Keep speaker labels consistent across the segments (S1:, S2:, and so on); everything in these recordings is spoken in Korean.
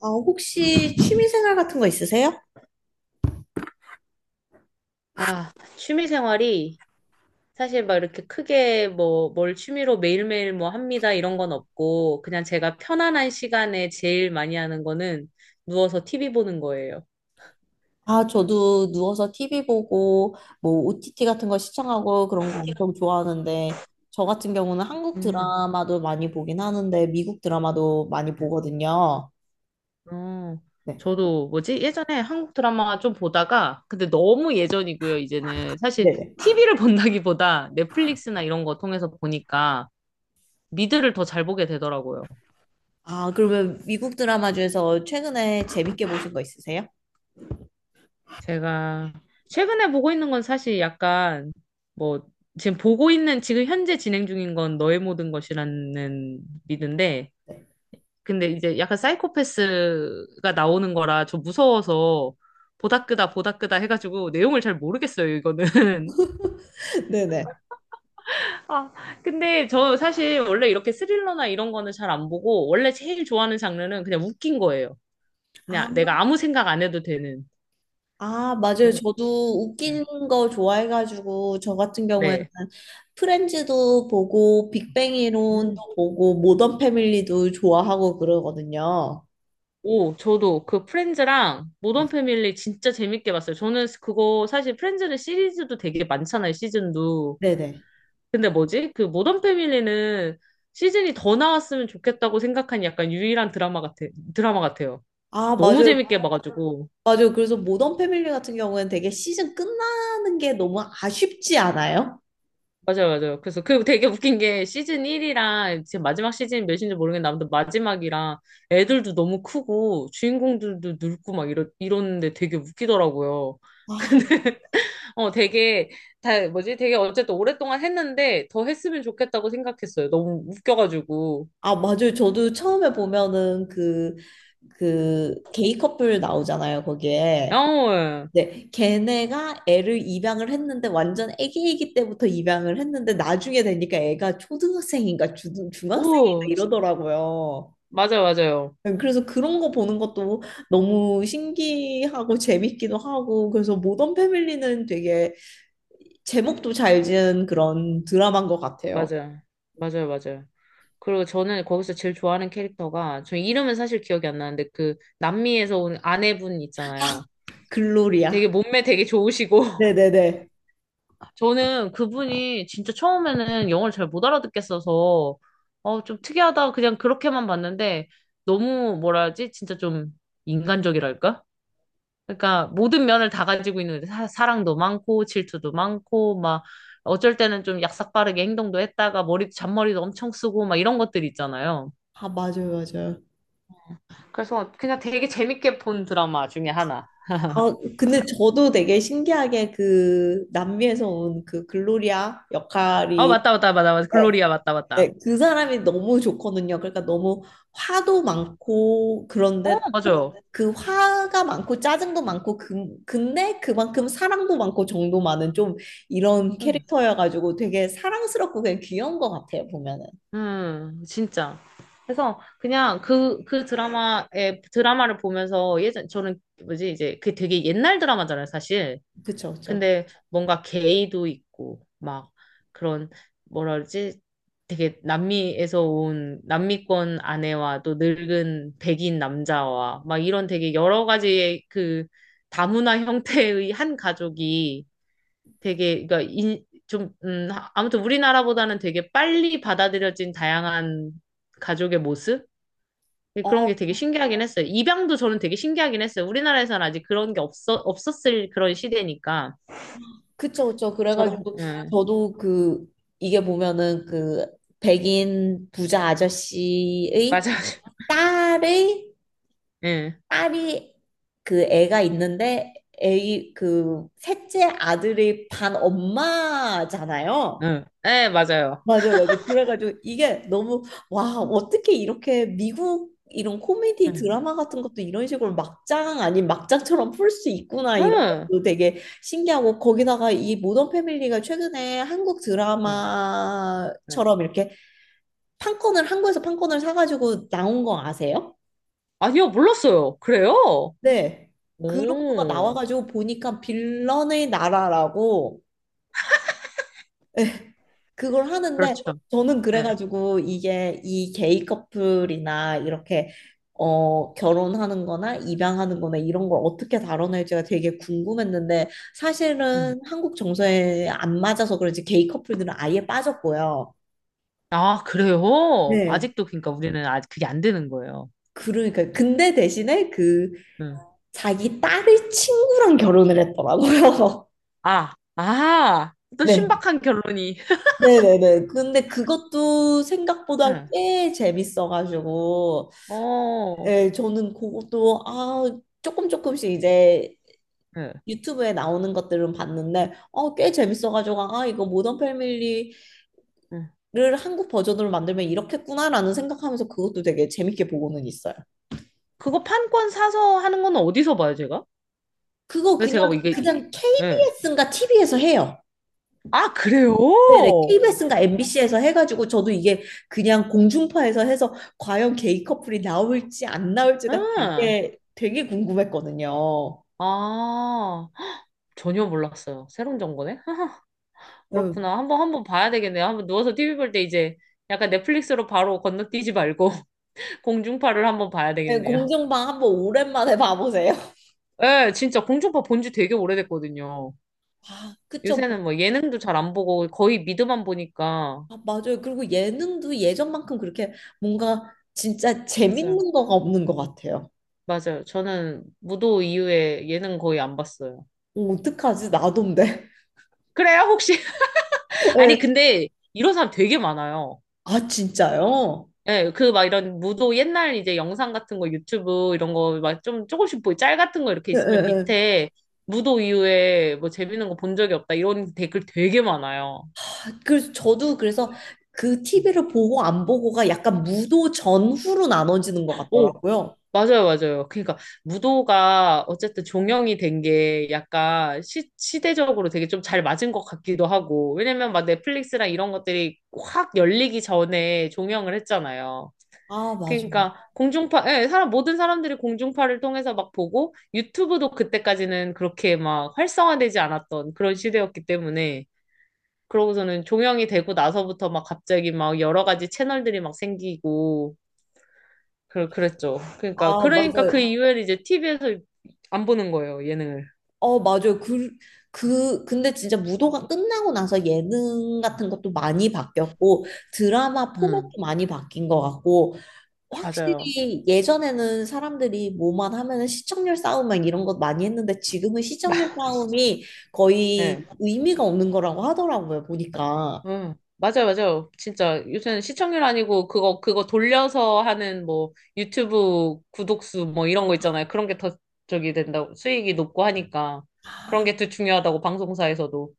S1: 아, 혹시 취미생활 같은 거 있으세요?
S2: 아, 취미 생활이 사실 막 이렇게 크게 뭐 뭘 취미로 매일매일 뭐 합니다 이런 건 없고 그냥 제가 편안한 시간에 제일 많이 하는 거는 누워서 TV 보는 거예요.
S1: 아, 저도 누워서 TV 보고, 뭐, OTT 같은 거 시청하고 그런 거 엄청 좋아하는데, 저 같은 경우는 한국
S2: 음,
S1: 드라마도 많이 보긴 하는데, 미국 드라마도 많이 보거든요.
S2: 어,
S1: 네.
S2: 저도 뭐지? 예전에 한국 드라마 좀 보다가, 근데 너무 예전이고요, 이제는. 사실
S1: 네네.
S2: TV를 본다기보다 넷플릭스나 이런 거 통해서 보니까 미드를 더 잘 보게 되더라고요.
S1: 아, 그러면 미국 드라마 중에서 최근에 재밌게 보신 거 있으세요?
S2: 제가 최근에 보고 있는 건 사실 약간 뭐 지금 보고 있는 지금 현재 진행 중인 건 너의 모든 것이라는 리드인데, 근데 이제 약간 사이코패스가 나오는 거라 저 무서워서 보다 끄다 보다 끄다 해가지고 내용을 잘 모르겠어요, 이거는.
S1: 네네.
S2: 아, 근데 저 사실 원래 이렇게 스릴러나 이런 거는 잘 안 보고 원래 제일 좋아하는 장르는 그냥 웃긴 거예요.
S1: 아,
S2: 그냥 내가 아무 생각 안 해도 되는.
S1: 아, 맞아요.
S2: 그래서,
S1: 저도 웃긴 거 좋아해가지고, 저 같은 경우에는
S2: 네,
S1: 프렌즈도 보고, 빅뱅 이론도
S2: 음.
S1: 보고, 모던 패밀리도 좋아하고 그러거든요.
S2: 오, 저도 그 프렌즈랑 모던
S1: 네.
S2: 패밀리 진짜 재밌게 봤어요. 저는 그거 사실 프렌즈는 시리즈도 되게 많잖아요, 시즌도.
S1: 네네.
S2: 근데 뭐지? 그 모던 패밀리는 시즌이 더 나왔으면 좋겠다고 생각한 약간 유일한 드라마 같아요.
S1: 아,
S2: 너무
S1: 맞아요.
S2: 재밌게 봐가지고.
S1: 맞아요. 그래서 모던 패밀리 같은 경우에는 되게 시즌 끝나는 게 너무 아쉽지 않아요?
S2: 맞아요, 맞아요. 그래서 그 되게 웃긴 게 시즌 1이랑 지금 마지막 시즌 몇인지 모르겠는데 아무튼 마지막이랑 애들도 너무 크고 주인공들도 늙고 막 이러는데 되게 웃기더라고요.
S1: 아,
S2: 어, 되게, 다, 뭐지? 되게 어쨌든 오랫동안 했는데 더 했으면 좋겠다고 생각했어요. 너무 웃겨가지고.
S1: 아, 맞아요. 저도 처음에 보면은 그 게이 커플 나오잖아요,
S2: 어,
S1: 거기에.
S2: 예.
S1: 네, 걔네가 애를 입양을 했는데 완전 애기애기 때부터 입양을 했는데 나중에 되니까 애가 초등학생인가 중학생인가
S2: 오,
S1: 이러더라고요.
S2: 맞아요, 맞아요.
S1: 그래서 그런 거 보는 것도 너무 신기하고 재밌기도 하고 그래서 모던 패밀리는 되게 제목도 잘 지은 그런 드라마인 것 같아요.
S2: 맞아요. 맞아요, 맞아요. 그리고 저는 거기서 제일 좋아하는 캐릭터가, 저 이름은 사실 기억이 안 나는데 그 남미에서 온 아내분 있잖아요.
S1: 글로리아.
S2: 되게 몸매 되게 좋으시고.
S1: 네네네.
S2: 저는 그분이 진짜 처음에는 영어를 잘 못 알아듣겠어서, 어, 좀 특이하다. 그냥 그렇게만 봤는데 너무 뭐라 하지? 진짜 좀 인간적이랄까? 그러니까 모든 면을 다 가지고 있는, 사랑도 많고 질투도 많고 막 어쩔 때는 좀 약삭빠르게 행동도 했다가 머리 잔머리도 엄청 쓰고 막 이런 것들 있잖아요.
S1: 아, 맞아요, 맞아요.
S2: 그래서 그냥 되게 재밌게 본 드라마 중에 하나.
S1: 아, 근데 저도 되게 신기하게 그 남미에서 온 그 글로리아
S2: 아,
S1: 역할이,
S2: 맞다, 맞다, 맞다, 맞다,
S1: 네,
S2: 글로리아, 맞다, 맞다.
S1: 네, 그 사람이 너무 좋거든요. 그러니까 너무 화도 많고,
S2: 어,
S1: 그런데 또
S2: 맞아요.
S1: 그 화가 많고, 짜증도 많고, 근데 그만큼 사랑도 많고, 정도 많은 좀 이런
S2: 응.
S1: 캐릭터여가지고 되게 사랑스럽고 그냥 귀여운 것 같아요, 보면은.
S2: 진짜. 그래서 그냥 그 드라마를 보면서 예전, 저는 뭐지, 이제 그게 되게 옛날 드라마잖아요, 사실.
S1: 그쵸, 그쵸.
S2: 근데 뭔가 게이도 있고 막 그런, 뭐라 그러지? 되게 남미에서 온 남미권 아내와 또 늙은 백인 남자와 막 이런 되게 여러 가지의 그 다문화 형태의 한 가족이 되게, 그러니까 좀 아무튼 우리나라보다는 되게 빨리 받아들여진 다양한 가족의 모습? 그런
S1: 어,
S2: 게 되게 신기하긴 했어요. 입양도 저는 되게 신기하긴 했어요. 우리나라에서는 아직 그런 게 없었을 그런 시대니까.
S1: 그쵸, 그쵸.
S2: 저런,
S1: 그래가지고 저도 그, 이게 보면은 그 백인 부자 아저씨의
S2: 맞아.
S1: 딸의
S2: 예,
S1: 딸이 그 애가 있는데 애이 그 셋째 아들이 반 엄마잖아요.
S2: 예, 예, 맞아요.
S1: 맞아요, 맞아요. 그래가지고 이게 너무, 와, 어떻게 이렇게 미국 이런 코미디
S2: 응,
S1: 드라마 같은 것도 이런 식으로 막장 아닌 막장처럼 풀 수 있구나 이런
S2: 응,
S1: 것도 되게 신기하고 거기다가 이 모던 패밀리가 최근에 한국
S2: 응, 응.
S1: 드라마처럼 이렇게 판권을 사가지고 나온 거 아세요?
S2: 아니요, 몰랐어요. 그래요?
S1: 네. 그런 거가
S2: 오,
S1: 나와가지고 보니까 빌런의 나라라고 그걸 하는데
S2: 그렇죠.
S1: 저는
S2: 예.
S1: 그래가지고 이게 이 게이 커플이나 이렇게 어 결혼하는 거나 입양하는 거나 이런 걸 어떻게 다뤄낼지가 되게 궁금했는데
S2: 음.
S1: 사실은 한국 정서에 안 맞아서 그런지 게이 커플들은 아예 빠졌고요.
S2: 아, 그래요?
S1: 네.
S2: 아직도, 그러니까 우리는 아직 그게 안 되는 거예요.
S1: 그러니까 근데 대신에 그
S2: 응.
S1: 자기 딸의 친구랑 결혼을 했더라고요.
S2: 아, 아, 또
S1: 네.
S2: 신박한 결론이.
S1: 네네네. 근데 그것도 생각보다
S2: 응,
S1: 꽤 재밌어가지고,
S2: 어,
S1: 예, 저는 그것도, 아, 조금 조금씩 이제
S2: 예,
S1: 유튜브에 나오는 것들은 봤는데, 어, 꽤 재밌어가지고, 아, 이거 모던 패밀리를
S2: 응.
S1: 한국 버전으로 만들면 이렇겠구나라는 생각하면서 그것도 되게 재밌게 보고는 있어요.
S2: 그거 판권 사서 하는 건 어디서 봐요, 제가?
S1: 그거
S2: 근데
S1: 그냥,
S2: 제가 뭐 이게,
S1: 그냥
S2: 예.
S1: KBS인가 TV에서 해요.
S2: 아, 그래요?
S1: 네네. KBS인가 MBC에서 해가지고 저도 이게 그냥 공중파에서 해서 과연 게이 커플이 나올지 안 나올지가
S2: 응.
S1: 되게 되게 궁금했거든요.
S2: 아, 헉, 전혀 몰랐어요. 새로운 정보네?
S1: 음.
S2: 그렇구나. 한번 한번 봐야 되겠네요. 한번 누워서 TV 볼 때 이제 약간 넷플릭스로 바로 건너뛰지 말고 공중파를 한번 봐야
S1: 네,
S2: 되겠네요.
S1: 공중파 한번 오랜만에 봐보세요.
S2: 예, 진짜 공중파 본지 되게 오래됐거든요.
S1: 아, 그쵸. 뭐,
S2: 요새는 뭐 예능도 잘 안 보고 거의 미드만 보니까.
S1: 아, 맞아요. 그리고 예능도 예전만큼 그렇게 뭔가 진짜
S2: 맞아요.
S1: 재밌는 거가 없는 것 같아요.
S2: 맞아요. 저는 무도 이후에 예능 거의 안 봤어요.
S1: 어, 어떡하지? 나돈데.
S2: 그래요? 혹시? 아니,
S1: 네.
S2: 근데 이런 사람 되게 많아요.
S1: 아, 진짜요?
S2: 예, 그 막 이런 무도 옛날 이제 영상 같은 거 유튜브 이런 거 막 좀 조금씩 보이 짤 같은 거 이렇게
S1: 네, 네,
S2: 있으면
S1: 네.
S2: 밑에 무도 이후에 뭐 재밌는 거 본 적이 없다 이런 댓글 되게 많아요.
S1: 그래서 저도 그래서 그
S2: 음.
S1: TV를 보고 안 보고가 약간 무도 전후로 나눠지는 것
S2: 오,
S1: 같더라고요.
S2: 맞아요, 맞아요. 그러니까 무도가 어쨌든 종영이 된 게 약간 시대적으로 되게 좀 잘 맞은 것 같기도 하고, 왜냐면 막 넷플릭스랑 이런 것들이 확 열리기 전에 종영을 했잖아요.
S1: 아, 맞아, 맞아.
S2: 그러니까 공중파, 예, 사람, 모든 사람들이 공중파를 통해서 막 보고, 유튜브도 그때까지는 그렇게 막 활성화되지 않았던 그런 시대였기 때문에, 그러고서는 종영이 되고 나서부터 막 갑자기 막 여러 가지 채널들이 막 생기고 그 그랬죠. 그러니까
S1: 아,
S2: 그러니까 그
S1: 맞아요.
S2: 이후에는 이제 TV에서 안 보는 거예요, 예능을.
S1: 어, 맞아요. 그 근데 진짜 무도가 끝나고 나서 예능 같은 것도 많이 바뀌었고, 드라마
S2: 음,
S1: 포맷도 많이 바뀐 것 같고,
S2: 맞아요.
S1: 확실히 예전에는 사람들이 뭐만 하면은 시청률 싸움 막 이런 것 많이 했는데, 지금은 시청률 싸움이
S2: 예.
S1: 거의 의미가 없는 거라고 하더라고요, 보니까.
S2: 응, 맞아요, 맞아요. 진짜 요새는 시청률 아니고 그거 돌려서 하는 뭐 유튜브 구독수 뭐 이런 거 있잖아요. 그런 게 더 저기 된다고 수익이 높고 하니까 그런 게 더 중요하다고, 방송사에서도.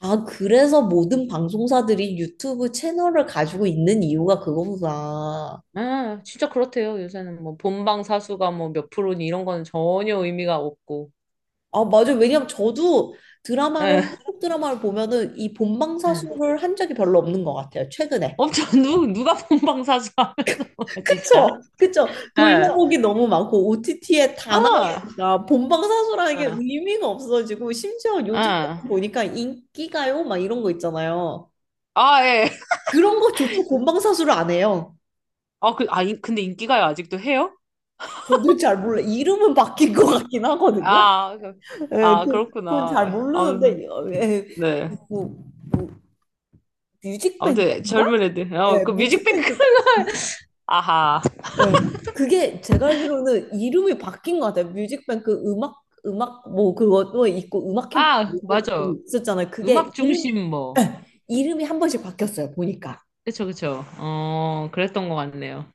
S1: 아, 그래서 모든 방송사들이 유튜브 채널을 가지고 있는 이유가 그거구나.
S2: 아, 진짜 그렇대요. 요새는 뭐 본방 사수가 뭐 몇 프로니 이런 거는 전혀 의미가 없고.
S1: 아, 맞아요. 왜냐면 저도
S2: 예,
S1: 한국 드라마를 보면은 이
S2: 예.
S1: 본방사수를 한 적이 별로 없는 것 같아요, 최근에.
S2: 엄청 누 누가 본방 사수 하면 진짜.
S1: 그쵸? 그쵸?
S2: 예.
S1: 돌려보기
S2: 그,
S1: 너무 많고, OTT에 다
S2: 아,
S1: 나오니까 본방사수라는
S2: 예,
S1: 게
S2: 예.
S1: 의미가 없어지고, 심지어 요즘 보니까 인기가요? 막 이런 거 있잖아요.
S2: 아, 예.
S1: 그런 거조차 본방사수를 안 해요.
S2: 아, 그, 아, 근데 인기가요 아직도 해요?
S1: 저도 잘 몰라. 이름은 바뀐 것
S2: 예.
S1: 같긴 하거든요.
S2: 아,
S1: 예,
S2: 아,
S1: 그, 그건 잘
S2: 그렇구나. 아,
S1: 모르는데, 예,
S2: 네.
S1: 뭐, 뭐,
S2: 아무튼
S1: 뮤직뱅크인가?
S2: 젊은 애들. 어,
S1: 예,
S2: 그 뮤직뱅크.
S1: 뮤직뱅크.
S2: 아하.
S1: 예, 그게 제가 알기로는 이름이 바뀐 것 같아요. 뮤직뱅크 음악, 뭐, 그것도 있고, 음악 캠프
S2: 아,
S1: 뭐 그거
S2: 맞아.
S1: 있었잖아요. 그게
S2: 음악
S1: 이름,
S2: 중심 뭐.
S1: 예, 이름이 한 번씩 바뀌었어요, 보니까.
S2: 그쵸, 그쵸. 어, 그랬던 것 같네요.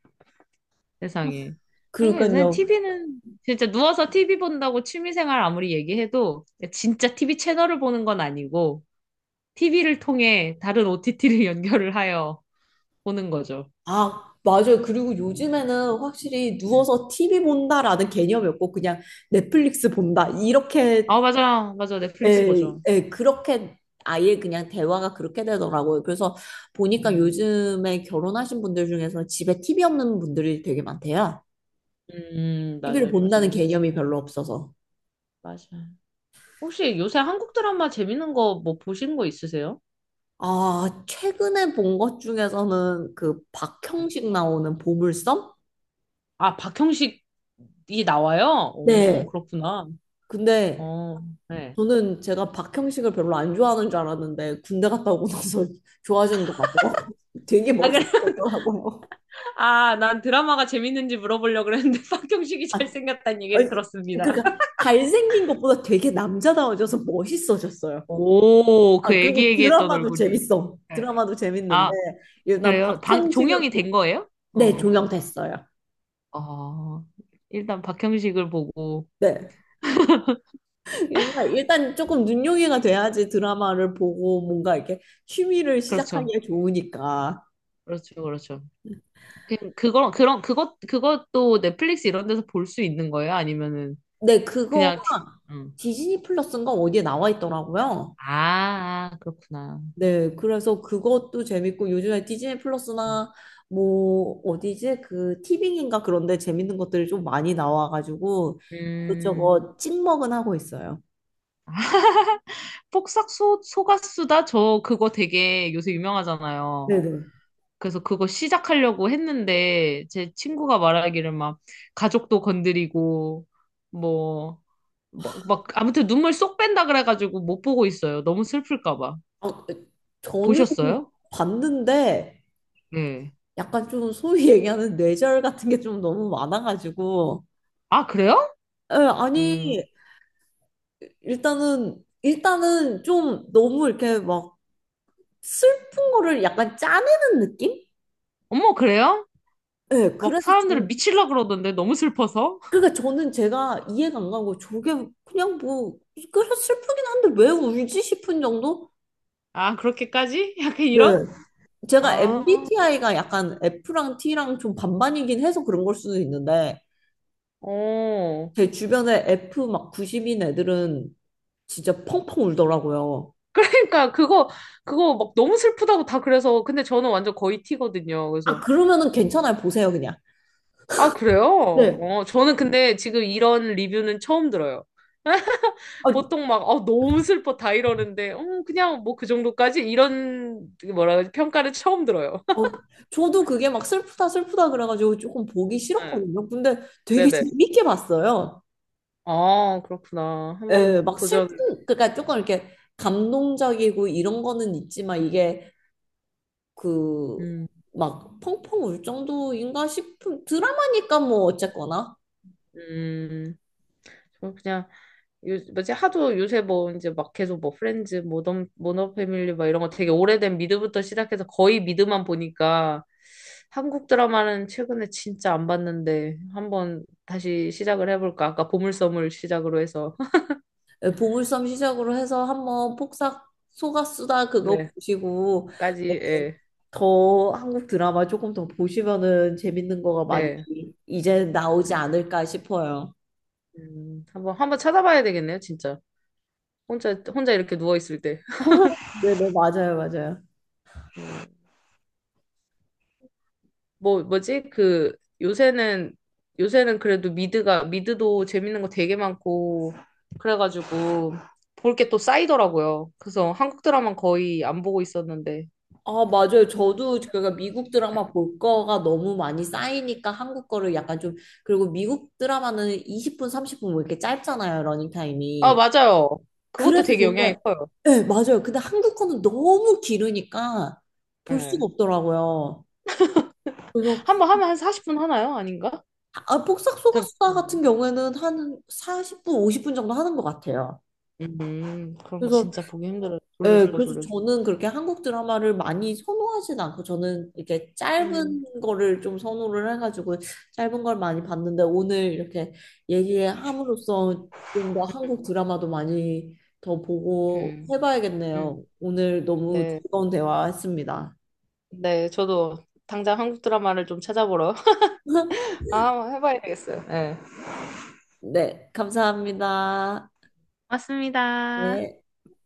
S2: 세상에. 그러니까 요새
S1: 그러니까요.
S2: TV는 진짜 누워서 TV 본다고 취미생활 아무리 얘기해도 진짜 TV 채널을 보는 건 아니고 TV를 통해 다른 OTT를 연결을 하여 보는 거죠.
S1: 아, 맞아요. 그리고 요즘에는 확실히
S2: 네.
S1: 누워서 TV 본다라는 개념이 없고, 그냥 넷플릭스 본다. 이렇게,
S2: 아, 맞아. 맞아. 넷플릭스
S1: 예,
S2: 보죠.
S1: 예, 그렇게 아예 그냥 대화가 그렇게 되더라고요. 그래서 보니까
S2: 음,
S1: 요즘에 결혼하신 분들 중에서 집에 TV 없는 분들이 되게 많대요. TV를
S2: 맞아요. 맞아요.
S1: 본다는
S2: 요새
S1: 개념이
S2: 진짜.
S1: 별로 없어서.
S2: 맞아. 혹시 요새 한국 드라마 재밌는 거 뭐 보신 거 있으세요?
S1: 아, 최근에 본 것 중에서는 그
S2: 네.
S1: 박형식 나오는 보물섬?
S2: 아, 박형식이 나와요? 오,
S1: 네.
S2: 그렇구나.
S1: 근데
S2: 어, 네.
S1: 저는 제가 박형식을 별로 안 좋아하는 줄 알았는데 군대 갔다 오고 나서 좋아지는 것 같더라고요. 되게
S2: 아, 그래.
S1: 멋있었더라고요.
S2: 아, 난 드라마가 재밌는지 물어보려고 그랬는데 박형식이 잘생겼다는
S1: 아니,
S2: 얘기를
S1: 그-
S2: 들었습니다.
S1: 그러니까 잘생긴 것보다 되게 남자다워져서 멋있어졌어요.
S2: 오, 그
S1: 아, 그리고
S2: 애기애기했던
S1: 드라마도
S2: 얼굴이.
S1: 재밌어.
S2: 네.
S1: 드라마도 재밌는데,
S2: 아,
S1: 일단
S2: 그래요? 방, 종영이
S1: 박형식을, 보-
S2: 된 거예요?
S1: 네,
S2: 어.
S1: 종영됐어요.
S2: 어, 일단 박형식을 보고.
S1: 네. 일단, 일단 조금 눈요기가 돼야지 드라마를 보고 뭔가 이렇게 취미를
S2: 그렇죠.
S1: 시작하기에 좋으니까.
S2: 그렇죠. 그렇죠. 그, 그거, 그런, 그것, 그것도 넷플릭스 이런 데서 볼 수 있는 거예요? 아니면은,
S1: 네, 그거가
S2: 그냥, 티- 음.
S1: 디즈니 플러스인가 어디에 나와 있더라고요.
S2: 아, 아, 그렇구나.
S1: 네, 그래서 그것도 재밌고 요즘에 디즈니 플러스나 뭐 어디지? 그 티빙인가 그런데 재밌는 것들이 좀 많이 나와가지고
S2: 음,
S1: 이것저것 찍먹은 하고 있어요.
S2: 폭삭 소, 소가수다? 저 그거 되게 요새 유명하잖아요.
S1: 네네.
S2: 그래서 그거 시작하려고 했는데, 제 친구가 말하기를 막, 가족도 건드리고, 뭐, 막, 막, 아무튼 눈물 쏙 뺀다 그래가지고 못 보고 있어요. 너무 슬플까 봐.
S1: 아, 저는
S2: 보셨어요?
S1: 봤는데
S2: 네.
S1: 약간 좀 소위 얘기하는 뇌절 같은 게 좀 너무 많아가지고,
S2: 아, 그래요?
S1: 예, 아니
S2: 음,
S1: 일단은 일단은 좀 너무 이렇게 막 슬픈 거를 약간 짜내는 느낌?
S2: 어머, 그래요?
S1: 네,
S2: 막
S1: 그래서
S2: 사람들을 미칠라 그러던데 너무 슬퍼서.
S1: 그러니까 저는 제가 이해가 안 가고 저게 그냥 뭐 그래 슬프긴 한데 왜 울지 싶은 정도?
S2: 아, 그렇게까지? 약간
S1: 네.
S2: 이런.
S1: 제가
S2: 아,
S1: MBTI가 약간 F랑 T랑 좀 반반이긴 해서 그런 걸 수도 있는데
S2: 어.
S1: 제 주변에 F 막 90인 애들은 진짜 펑펑 울더라고요.
S2: 그러니까 그거 막 너무 슬프다고 다 그래서, 근데 저는 완전 거의 티거든요.
S1: 아,
S2: 그래서
S1: 그러면은 괜찮아요, 보세요, 그냥.
S2: 아, 그래요?
S1: 네.
S2: 어, 저는 근데 지금 이런 리뷰는 처음 들어요.
S1: 아,
S2: 보통 막 어, 너무 슬퍼 다 이러는데, 그냥 뭐 그 정도까지 이런, 뭐라 그러지, 평가를 처음 들어요.
S1: 어, 저도 그게 막 슬프다 슬프다 그래가지고 조금 보기
S2: 네.
S1: 싫었거든요. 근데 되게
S2: 네네.
S1: 재밌게 봤어요.
S2: 아, 그렇구나.
S1: 예,
S2: 한번
S1: 막
S2: 도전.
S1: 슬픈, 그러니까 조금 이렇게 감동적이고 이런 거는 있지만 이게 그
S2: 음,
S1: 막 펑펑 울 정도인가 싶은 드라마니까 뭐 어쨌거나,
S2: 음. 저 그냥 요 뭐지 하도 요새 뭐 이제 막 계속 뭐 프렌즈, 모던, 모너 패밀리 막 이런 거 되게 오래된 미드부터 시작해서 거의 미드만 보니까 한국 드라마는 최근에 진짜 안 봤는데 한번 다시 시작을 해볼까? 아까 보물섬을 시작으로 해서
S1: 예, 보물섬 시작으로 해서 한번 폭삭 속아수다 그거
S2: 네까지.
S1: 보시고, 예,
S2: 예.
S1: 더 한국 드라마 조금 더 보시면은 재밌는 거가 많이
S2: 네.
S1: 이제 나오지
S2: 음,
S1: 않을까 싶어요.
S2: 한번 한번 찾아봐야 되겠네요, 진짜. 혼자 혼자 이렇게 누워 있을 때.
S1: 네네, 맞아요, 맞아요.
S2: 뭐 뭐지? 그 요새는 요새는 그래도 미드가 미드도 재밌는 거 되게 많고 그래가지고 볼 게 또 쌓이더라고요. 그래서 한국 드라마 거의 안 보고 있었는데.
S1: 아, 맞아요. 저도 그러니까 미국 드라마 볼 거가 너무 많이 쌓이니까 한국 거를 약간 좀, 그리고 미국 드라마는 20분, 30분 뭐 이렇게 짧잖아요,
S2: 아,
S1: 러닝타임이.
S2: 맞아요. 그것도
S1: 그래서
S2: 되게 영향이
S1: 좋은데,
S2: 커요.
S1: 네, 맞아요. 근데 한국 거는 너무 길으니까 볼 수가
S2: 예.
S1: 없더라고요. 그래서,
S2: 한번 하면 한 40분 하나요? 아닌가?
S1: 아, 폭삭
S2: 잘
S1: 속았수다
S2: 모르겠네요.
S1: 같은 경우에는 한 40분, 50분 정도 하는 것 같아요.
S2: 그럼
S1: 그래서,
S2: 진짜 보기 힘들어요.
S1: 예,
S2: 돌려주고
S1: 그래서
S2: 돌려주고.
S1: 저는 그렇게 한국 드라마를 많이 선호하진 않고 저는 이렇게
S2: 음.
S1: 짧은 거를 좀 선호를 해가지고 짧은 걸 많이 봤는데 오늘 이렇게 얘기함으로써 좀 더 한국 드라마도 많이 더 보고
S2: 음. 음.
S1: 해봐야겠네요. 오늘 너무
S2: 네.
S1: 즐거운 대화했습니다.
S2: 네, 저도 당장 한국 드라마를 좀 찾아보러 아, 한번 해봐야 되겠어요. 예.
S1: 네, 감사합니다.
S2: 맞습니다.
S1: 네.